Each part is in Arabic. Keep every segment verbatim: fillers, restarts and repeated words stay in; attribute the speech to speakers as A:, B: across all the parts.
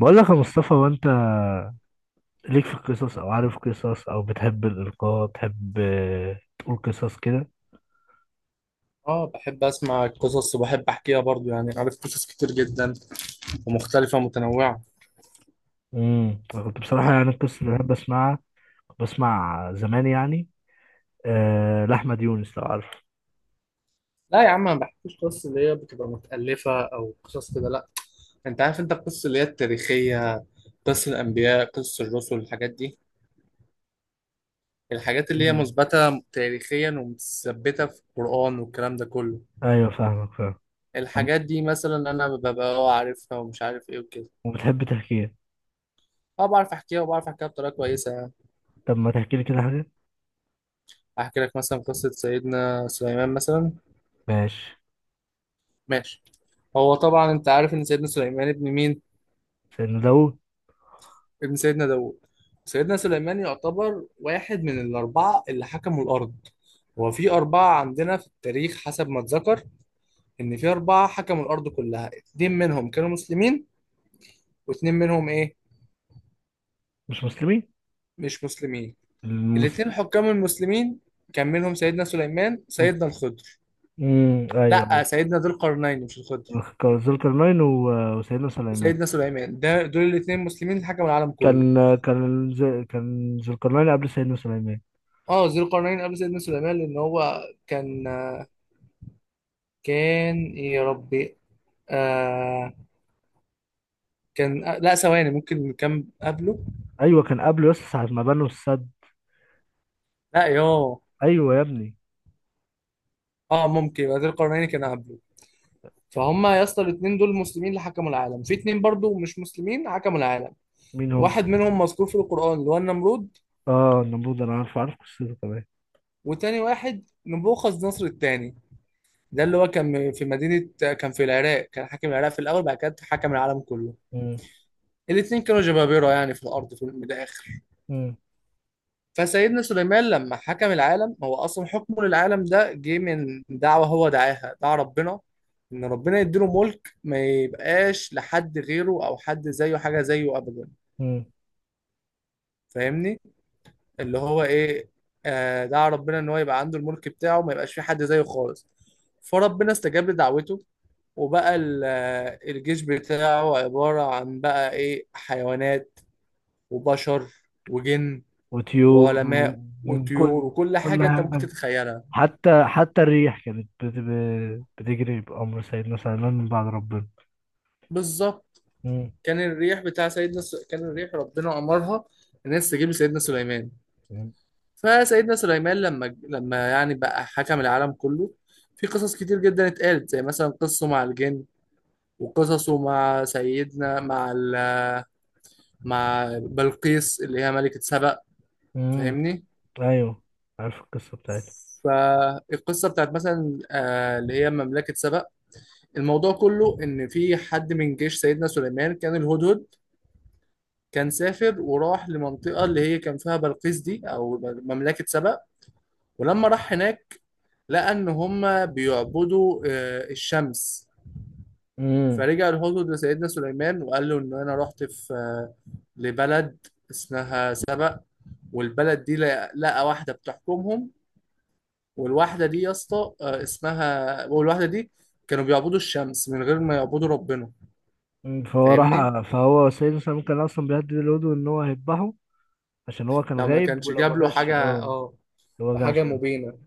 A: بقول لك يا مصطفى، وانت ليك في القصص؟ او عارف قصص؟ او بتحب الالقاء؟ بتحب آه، تقول قصص كده.
B: اه، بحب اسمع قصص وبحب احكيها برضو يعني عارف قصص كتير جدا ومختلفه ومتنوعه.
A: امم انا كنت بصراحه، يعني القصص اللي بحب اسمعها كنت بسمع زمان يعني أه لاحمد يونس، لو عارف.
B: لا يا عم، ما بحكيش قصص اللي هي بتبقى متالفه او قصص كده، لا. انت عارف، انت القصص اللي هي التاريخيه، قصص الانبياء، قصص الرسل، الحاجات دي، الحاجات اللي هي
A: مم.
B: مثبته تاريخيا ومتثبته في القران والكلام ده كله.
A: ايوه، فاهمك فاهم. طب-
B: الحاجات دي مثلا انا ببقى اه عارفها ومش عارف ايه وكده.
A: وبتحب تحكيها؟
B: اه، بعرف احكيها وبعرف احكيها بطريقه كويسه يعني.
A: طب ما تحكي لي كده حاجه.
B: احكي لك مثلا قصه سيدنا سليمان مثلا.
A: ماشي.
B: ماشي. هو طبعا انت عارف ان سيدنا سليمان ابن مين؟
A: سيدنا داوود.
B: ابن سيدنا داوود. سيدنا سليمان يعتبر واحد من الأربعة اللي حكموا الأرض. هو في أربعة عندنا في التاريخ حسب ما اتذكر، إن في أربعة حكموا الأرض كلها، اتنين منهم كانوا مسلمين واتنين منهم إيه؟
A: مش مسلمين.
B: مش مسلمين. الاتنين
A: المسلم.
B: حكام المسلمين كان منهم سيدنا سليمان، سيدنا الخضر.
A: امم، ايوه.
B: لأ، سيدنا ذو القرنين مش الخضر،
A: ايوه، ذو القرنين و- وسيدنا سليمان.
B: وسيدنا سليمان، ده دول الاتنين مسلمين اللي حكموا العالم كله.
A: كان كان ز- كان ذو القرنين قبل سيدنا سليمان.
B: اه، ذو القرنين قبل سيدنا سليمان لأن هو كان كان يا ربي. آه كان. آه لا، ثواني، ممكن كان قبله.
A: ايوه، كان قبله يس ساعة ما بنوا السد.
B: لا يوه.
A: ايوه يا ابني.
B: اه، ممكن بدر القرنين كان قبله. فهم يا اسطى، الاثنين دول مسلمين اللي حكموا العالم، في اثنين برضو مش مسلمين حكموا العالم.
A: مين هم؟
B: واحد منهم مذكور في القرآن اللي هو النمرود،
A: اه، النمرود، انا عارف عارف قصته كمان.
B: وتاني واحد نبوخذ نصر الثاني، ده اللي هو كان في مدينة، كان في العراق، كان حاكم العراق في الأول بعد كده حكم العالم كله.
A: مم.
B: الاثنين كانوا جبابرة يعني في الأرض في الآخر.
A: مم.
B: فسيدنا سليمان لما حكم العالم، هو اصلا حكمه للعالم ده جه من دعوه، هو دعاها دعا ربنا ان ربنا يديله ملك ما يبقاش لحد غيره او حد زيه، حاجه زيه ابدا.
A: مم.
B: فاهمني؟ اللي هو ايه، آه دعا ربنا ان هو يبقى عنده الملك بتاعه ما يبقاش في حد زيه خالص. فربنا استجاب لدعوته، وبقى ال- آه، الجيش بتاعه عباره عن بقى ايه، حيوانات وبشر وجن
A: وطيور
B: وعلماء
A: و-
B: وطيور
A: وكل.
B: وكل
A: كل
B: حاجه انت ممكن
A: حاجة.
B: تتخيلها.
A: حتى حتى الريح كانت بت... ب- بتجري بأمر سيدنا سليمان من بعد ربنا.
B: بالظبط.
A: مم.
B: كان الريح بتاع سيدنا س... كان الريح ربنا امرها ان هي تستجيب لسيدنا سليمان.
A: مم.
B: فسيدنا سليمان لما ج- لما يعني بقى حكم العالم كله، في قصص كتير جدا اتقالت، زي مثلا قصه مع الجن، وقصصه مع سيدنا مع ال... مع بلقيس اللي هي ملكة سبأ.
A: مم.
B: فاهمني؟
A: ايوه. عارف القصة بتاعتها.
B: فالقصة بتاعت مثلا آه، اللي هي مملكة سبأ، الموضوع كله إن في حد من جيش سيدنا سليمان كان الهدهد، كان سافر وراح لمنطقة اللي هي كان فيها بلقيس دي أو مملكة سبأ. ولما راح هناك، لقى إن هما بيعبدوا آه، الشمس.
A: مم.
B: فرجع الهدهد لسيدنا سليمان وقال له إن أنا رحت في آه، لبلد اسمها سبأ، والبلد دي لقى لقى واحدة بتحكمهم، والواحدة دي يا اسطى آه، اسمها، والواحدة دي كانوا بيعبدوا الشمس من غير ما يعبدوا ربنا.
A: مم. فهو
B: فاهمني؟
A: راح فهو سيدنا سليمان كان اصلا بيهدد الهدوء ان هو هيذبحه. عشان هو كان
B: لو ما
A: غايب،
B: كانش
A: ولو
B: جاب
A: ما
B: له
A: جاش
B: حاجة،
A: اه.
B: اه،
A: لو ما
B: حاجة
A: جاش.
B: مبينة.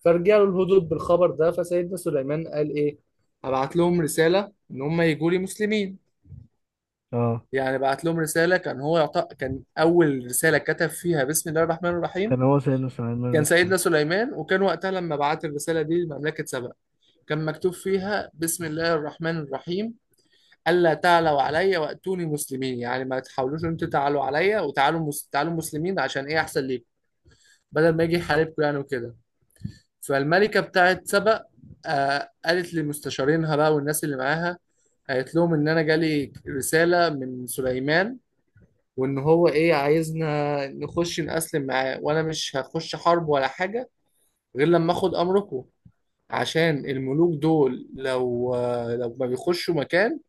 B: فرجع له الهدود بالخبر ده، فسيدنا سليمان قال ايه، هبعت لهم رسالة ان هم يجوا لي مسلمين.
A: اه،
B: يعني بعت لهم رسالة، كان هو يعط... كان اول رسالة كتب فيها بسم الله الرحمن الرحيم،
A: كان هو سيدنا سليمان اللي
B: كان
A: اختاره.
B: سيدنا سليمان. وكان وقتها لما بعت الرسالة دي لمملكة سبأ كان مكتوب فيها بسم الله الرحمن الرحيم، ألا تعلوا عليا وأتوني مسلمين. يعني ما تحاولوش ان انتوا تعلوا عليا، وتعالوا مس... تعالوا مسلمين عشان ايه، احسن ليكم، بدل ما يجي يحاربكم يعني وكده. فالملكة بتاعت سبأ آه، قالت لمستشارينها بقى والناس اللي معاها، قالت لهم إن أنا جالي رسالة من سليمان، وإن هو إيه عايزنا نخش نأسلم معاه، وأنا مش هخش حرب ولا حاجة غير لما آخد أمركم، عشان الملوك دول لو آه، لو ما بيخشوا مكان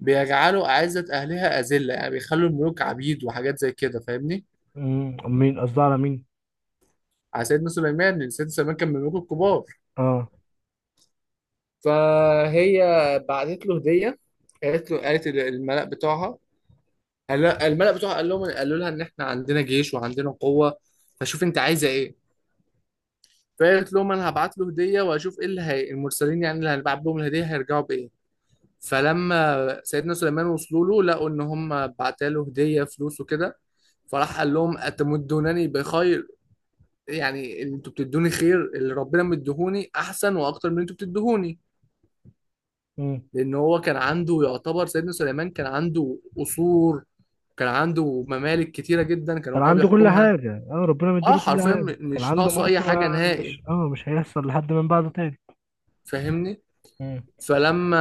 B: بيجعلوا أعزة أهلها أذلة، يعني بيخلوا الملوك عبيد وحاجات زي كده. فاهمني؟
A: امم مين، قصدي على مين؟
B: على سيدنا سليمان، لأن سيدنا سليمان كان من الملوك الكبار.
A: اه.
B: فهي بعتت له هديه، قالت له، قالت الملأ بتوعها، قال- الملأ بتوعها قال لهم، قالوا لها ان احنا عندنا جيش وعندنا قوه، فشوف انت عايزه ايه. فقالت لهم انا هبعت له هديه واشوف ايه اللي هي المرسلين يعني اللي هنبعت لهم الهديه هيرجعوا بايه. فلما سيدنا سليمان وصلوا له لقوا ان هم بعتا له هديه فلوس وكده، فراح قال لهم اتمدونني بخير، يعني انتوا بتدوني خير، اللي ربنا مديهوني احسن واكتر من اللي انتوا بتدوهوني.
A: امم.
B: لان هو كان عنده يعتبر، سيدنا سليمان كان عنده قصور، كان عنده ممالك كتيره جدا كان
A: كان
B: هو
A: عنده كل
B: بيحكمها.
A: حاجة. اه، ربنا
B: اه
A: مديله كل
B: حرفيا، م-
A: حاجة. كان
B: مش
A: عنده
B: ناقصه اي
A: ملك
B: حاجه
A: ما
B: نهائي.
A: مش اه مش هيحصل لحد من بعده تاني.
B: فاهمني؟
A: امم.
B: فلما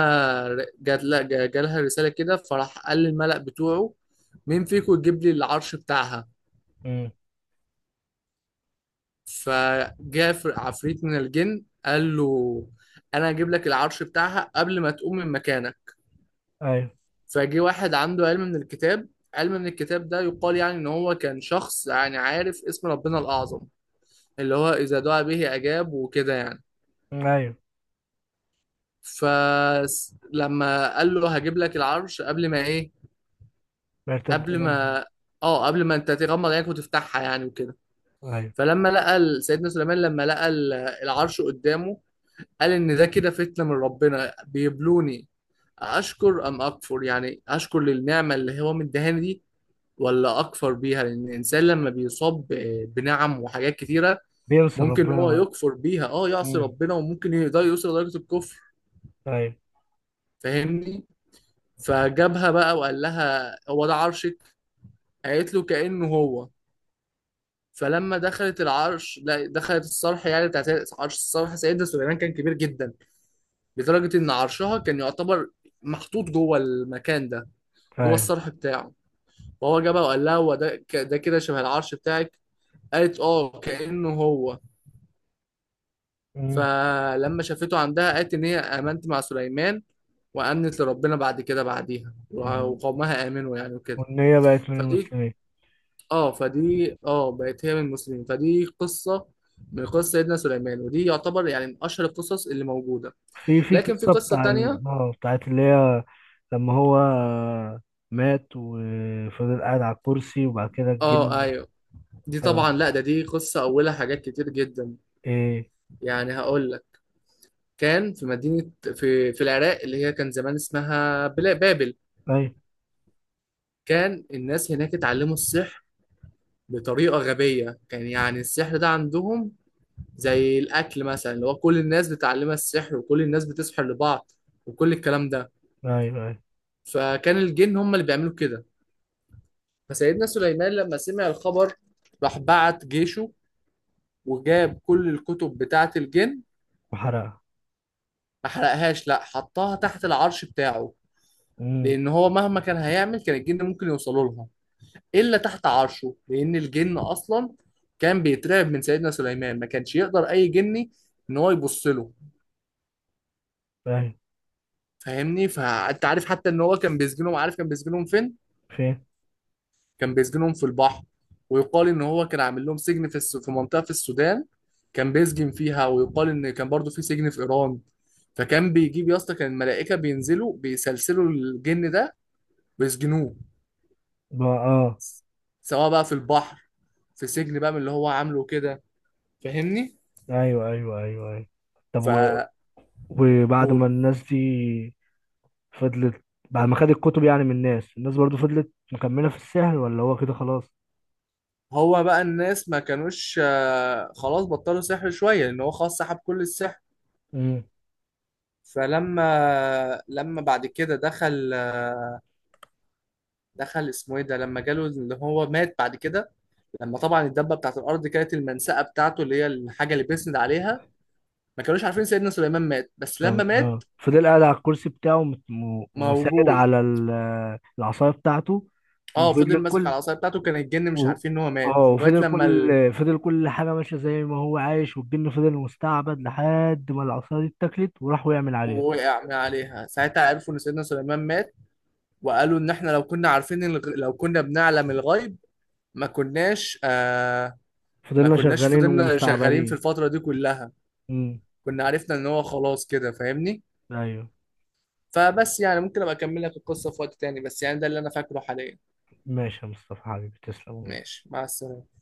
B: ر- جات لا جا- جالها رساله كده، فراح قال للملأ بتوعه مين فيكم يجيب لي العرش بتاعها.
A: امم،
B: فجاء فر- عفريت من الجن قال له انا هجيب لك العرش بتاعها قبل ما تقوم من مكانك.
A: ايوه.
B: فجه واحد عنده علم من الكتاب، علم من الكتاب ده يقال يعني ان هو كان شخص يعني عارف اسم ربنا الاعظم، اللي هو اذا دعا به اجاب وكده يعني.
A: ايوه.
B: فلما قال له هجيب لك العرش قبل ما ايه
A: بيرتد
B: قبل
A: إليه.
B: ما اه قبل ما انت تغمض عينك وتفتحها يعني وكده.
A: ايوه.
B: فلما لقى ال- سيدنا سليمان لما لقى ال- العرش قدامه، قال ان ده كده فتنة من ربنا بيبلوني، اشكر ام اكفر، يعني اشكر للنعمه اللي هو مديهاني دي، ولا اكفر بيها، لان الانسان لما بيصاب ب- بنعم وحاجات كتيره
A: بينصر
B: ممكن ان
A: ربنا
B: هو
A: بقى.
B: يكفر بيها، اه يعصي
A: امم.
B: ربنا، وممكن ده يوصل لدرجه الكفر.
A: ايوه.
B: فاهمني؟ فجابها بقى وقال لها هو ده عرشك، قالت له كانه هو. فلما دخلت العرش، لا دخلت الصرح يعني بتاعت عرش، الصرح سيدنا سليمان كان كبير جدا لدرجه ان عرشها كان يعتبر محطوط جوه المكان ده، جوه
A: ايوه.
B: الصرح بتاعه. فهو جابها وقال لها هو ده، ك- ده كده شبه العرش بتاعك، قالت اه كأنه هو.
A: امم.
B: فلما شافته عندها قالت ان هي امنت مع سليمان، وامنت لربنا بعد كده، بعديها وع-
A: وال-
B: وقومها امنوا يعني وكده.
A: والنية بقت من
B: فدي،
A: المسلمين.
B: اه فدي اه بقت هي من المسلمين، فدي قصه من قصه سيدنا سليمان، ودي يعتبر يعني من اشهر القصص اللي موجوده.
A: في في
B: لكن في
A: قصة
B: قصه
A: بتاع ال-
B: تانية.
A: اه بتاعت اللي هي لما هو مات وفضل قاعد على الكرسي وبعد كده
B: اه
A: الجن.
B: ايوه. دي
A: اه.
B: طبعا لا، ده دي قصه اولها حاجات كتير جدا،
A: ايه.
B: يعني هقول لك. كان في مدينه في في العراق اللي هي كان زمان اسمها بلا- بابل.
A: ايوه.
B: كان الناس هناك اتعلموا السحر بطريقة غبية، كان يعني السحر ده عندهم زي الأكل مثلا، اللي هو كل الناس بتعلمها السحر، وكل الناس بتسحر لبعض، وكل الكلام ده.
A: ايوه. ايوه.
B: فكان الجن هم اللي بيعملوا كده. فسيدنا سليمان لما سمع الخبر راح بعت جيشه وجاب كل الكتب بتاعة الجن.
A: وحرقها.
B: ما حرقهاش، لا، حطها تحت العرش بتاعه،
A: امم.
B: لأن هو مهما كان هيعمل كان الجن ممكن يوصلوا لها إلا تحت عرشه، لأن الجن أصلا كان بيترعب من سيدنا سليمان، ما كانش يقدر أي جني إن هو يبص له.
A: ايوه.
B: فاهمني؟ فانت عارف حتى ان هو كان بيسجنهم، عارف كان بيسجنهم فين؟
A: فين؟
B: كان بيسجنهم في البحر، ويقال ان هو كان عامل لهم سجن في الس... في منطقة في السودان، كان بيسجن فيها، ويقال ان كان برضو في سجن في ايران. فكان بيجيب يا اسطى، كان الملائكة بينزلوا بيسلسلوا الجن ده ويسجنوه،
A: بقى اه.
B: سواء بقى في البحر، في سجن بقى من اللي هو عامله كده. فاهمني؟
A: ايوه. ايوه. ايوه. ايوه. طب و...
B: فقول.
A: وبعد ما الناس دي فضلت. بعد ما خد الكتب يعني من الناس، الناس برضو فضلت مكملة في السحر، ولا هو كده خلاص؟
B: هو بقى الناس ما كانوش آه، خلاص بطلوا سحر شوية لأن هو خلاص سحب كل السحر.
A: امم.
B: فلما لما بعد كده دخل، دخل اسمه ايه ده، لما جاله اللي هو مات بعد كده. لما طبعا الدبه بتاعت الارض كانت المنسأه بتاعته اللي هي الحاجه اللي بيسند عليها، ما كانوش عارفين سيدنا سليمان مات، بس
A: طب
B: لما
A: اه
B: مات
A: فضل قاعد على الكرسي بتاعه، مت- و- وساند
B: موجود.
A: على ال- العصاية بتاعته.
B: اه، فضل
A: وفضل
B: ماسك على
A: كل.
B: العصايه بتاعته، كان الجن مش
A: و...
B: عارفين ان هو
A: اه
B: مات لغايه
A: وفضل
B: لما ال...
A: كل فضل كل حاجة ماشية زي ما هو عايش، والجن فضل مستعبد لحد ما العصاية دي اتاكلت وراحوا يعمل عليها.
B: وقع من عليها، ساعتها عرفوا ان سيدنا سليمان مات، وقالوا ان احنا لو كنا عارفين، الغ... لو كنا بنعلم الغيب ما كناش، آه ما
A: فضلنا
B: كناش
A: شغالين
B: فضلنا شغالين في
A: ومستعبدين.
B: الفتره دي كلها،
A: امم.
B: كنا عرفنا ان هو خلاص كده. فاهمني؟
A: ايوه.
B: فبس يعني، ممكن ابقى اكمل لك القصه في وقت تاني، بس يعني ده اللي انا فاكره حاليا.
A: ماشي يا مصطفى حبيبي، تسلم والله.
B: ماشي، مع السلامه.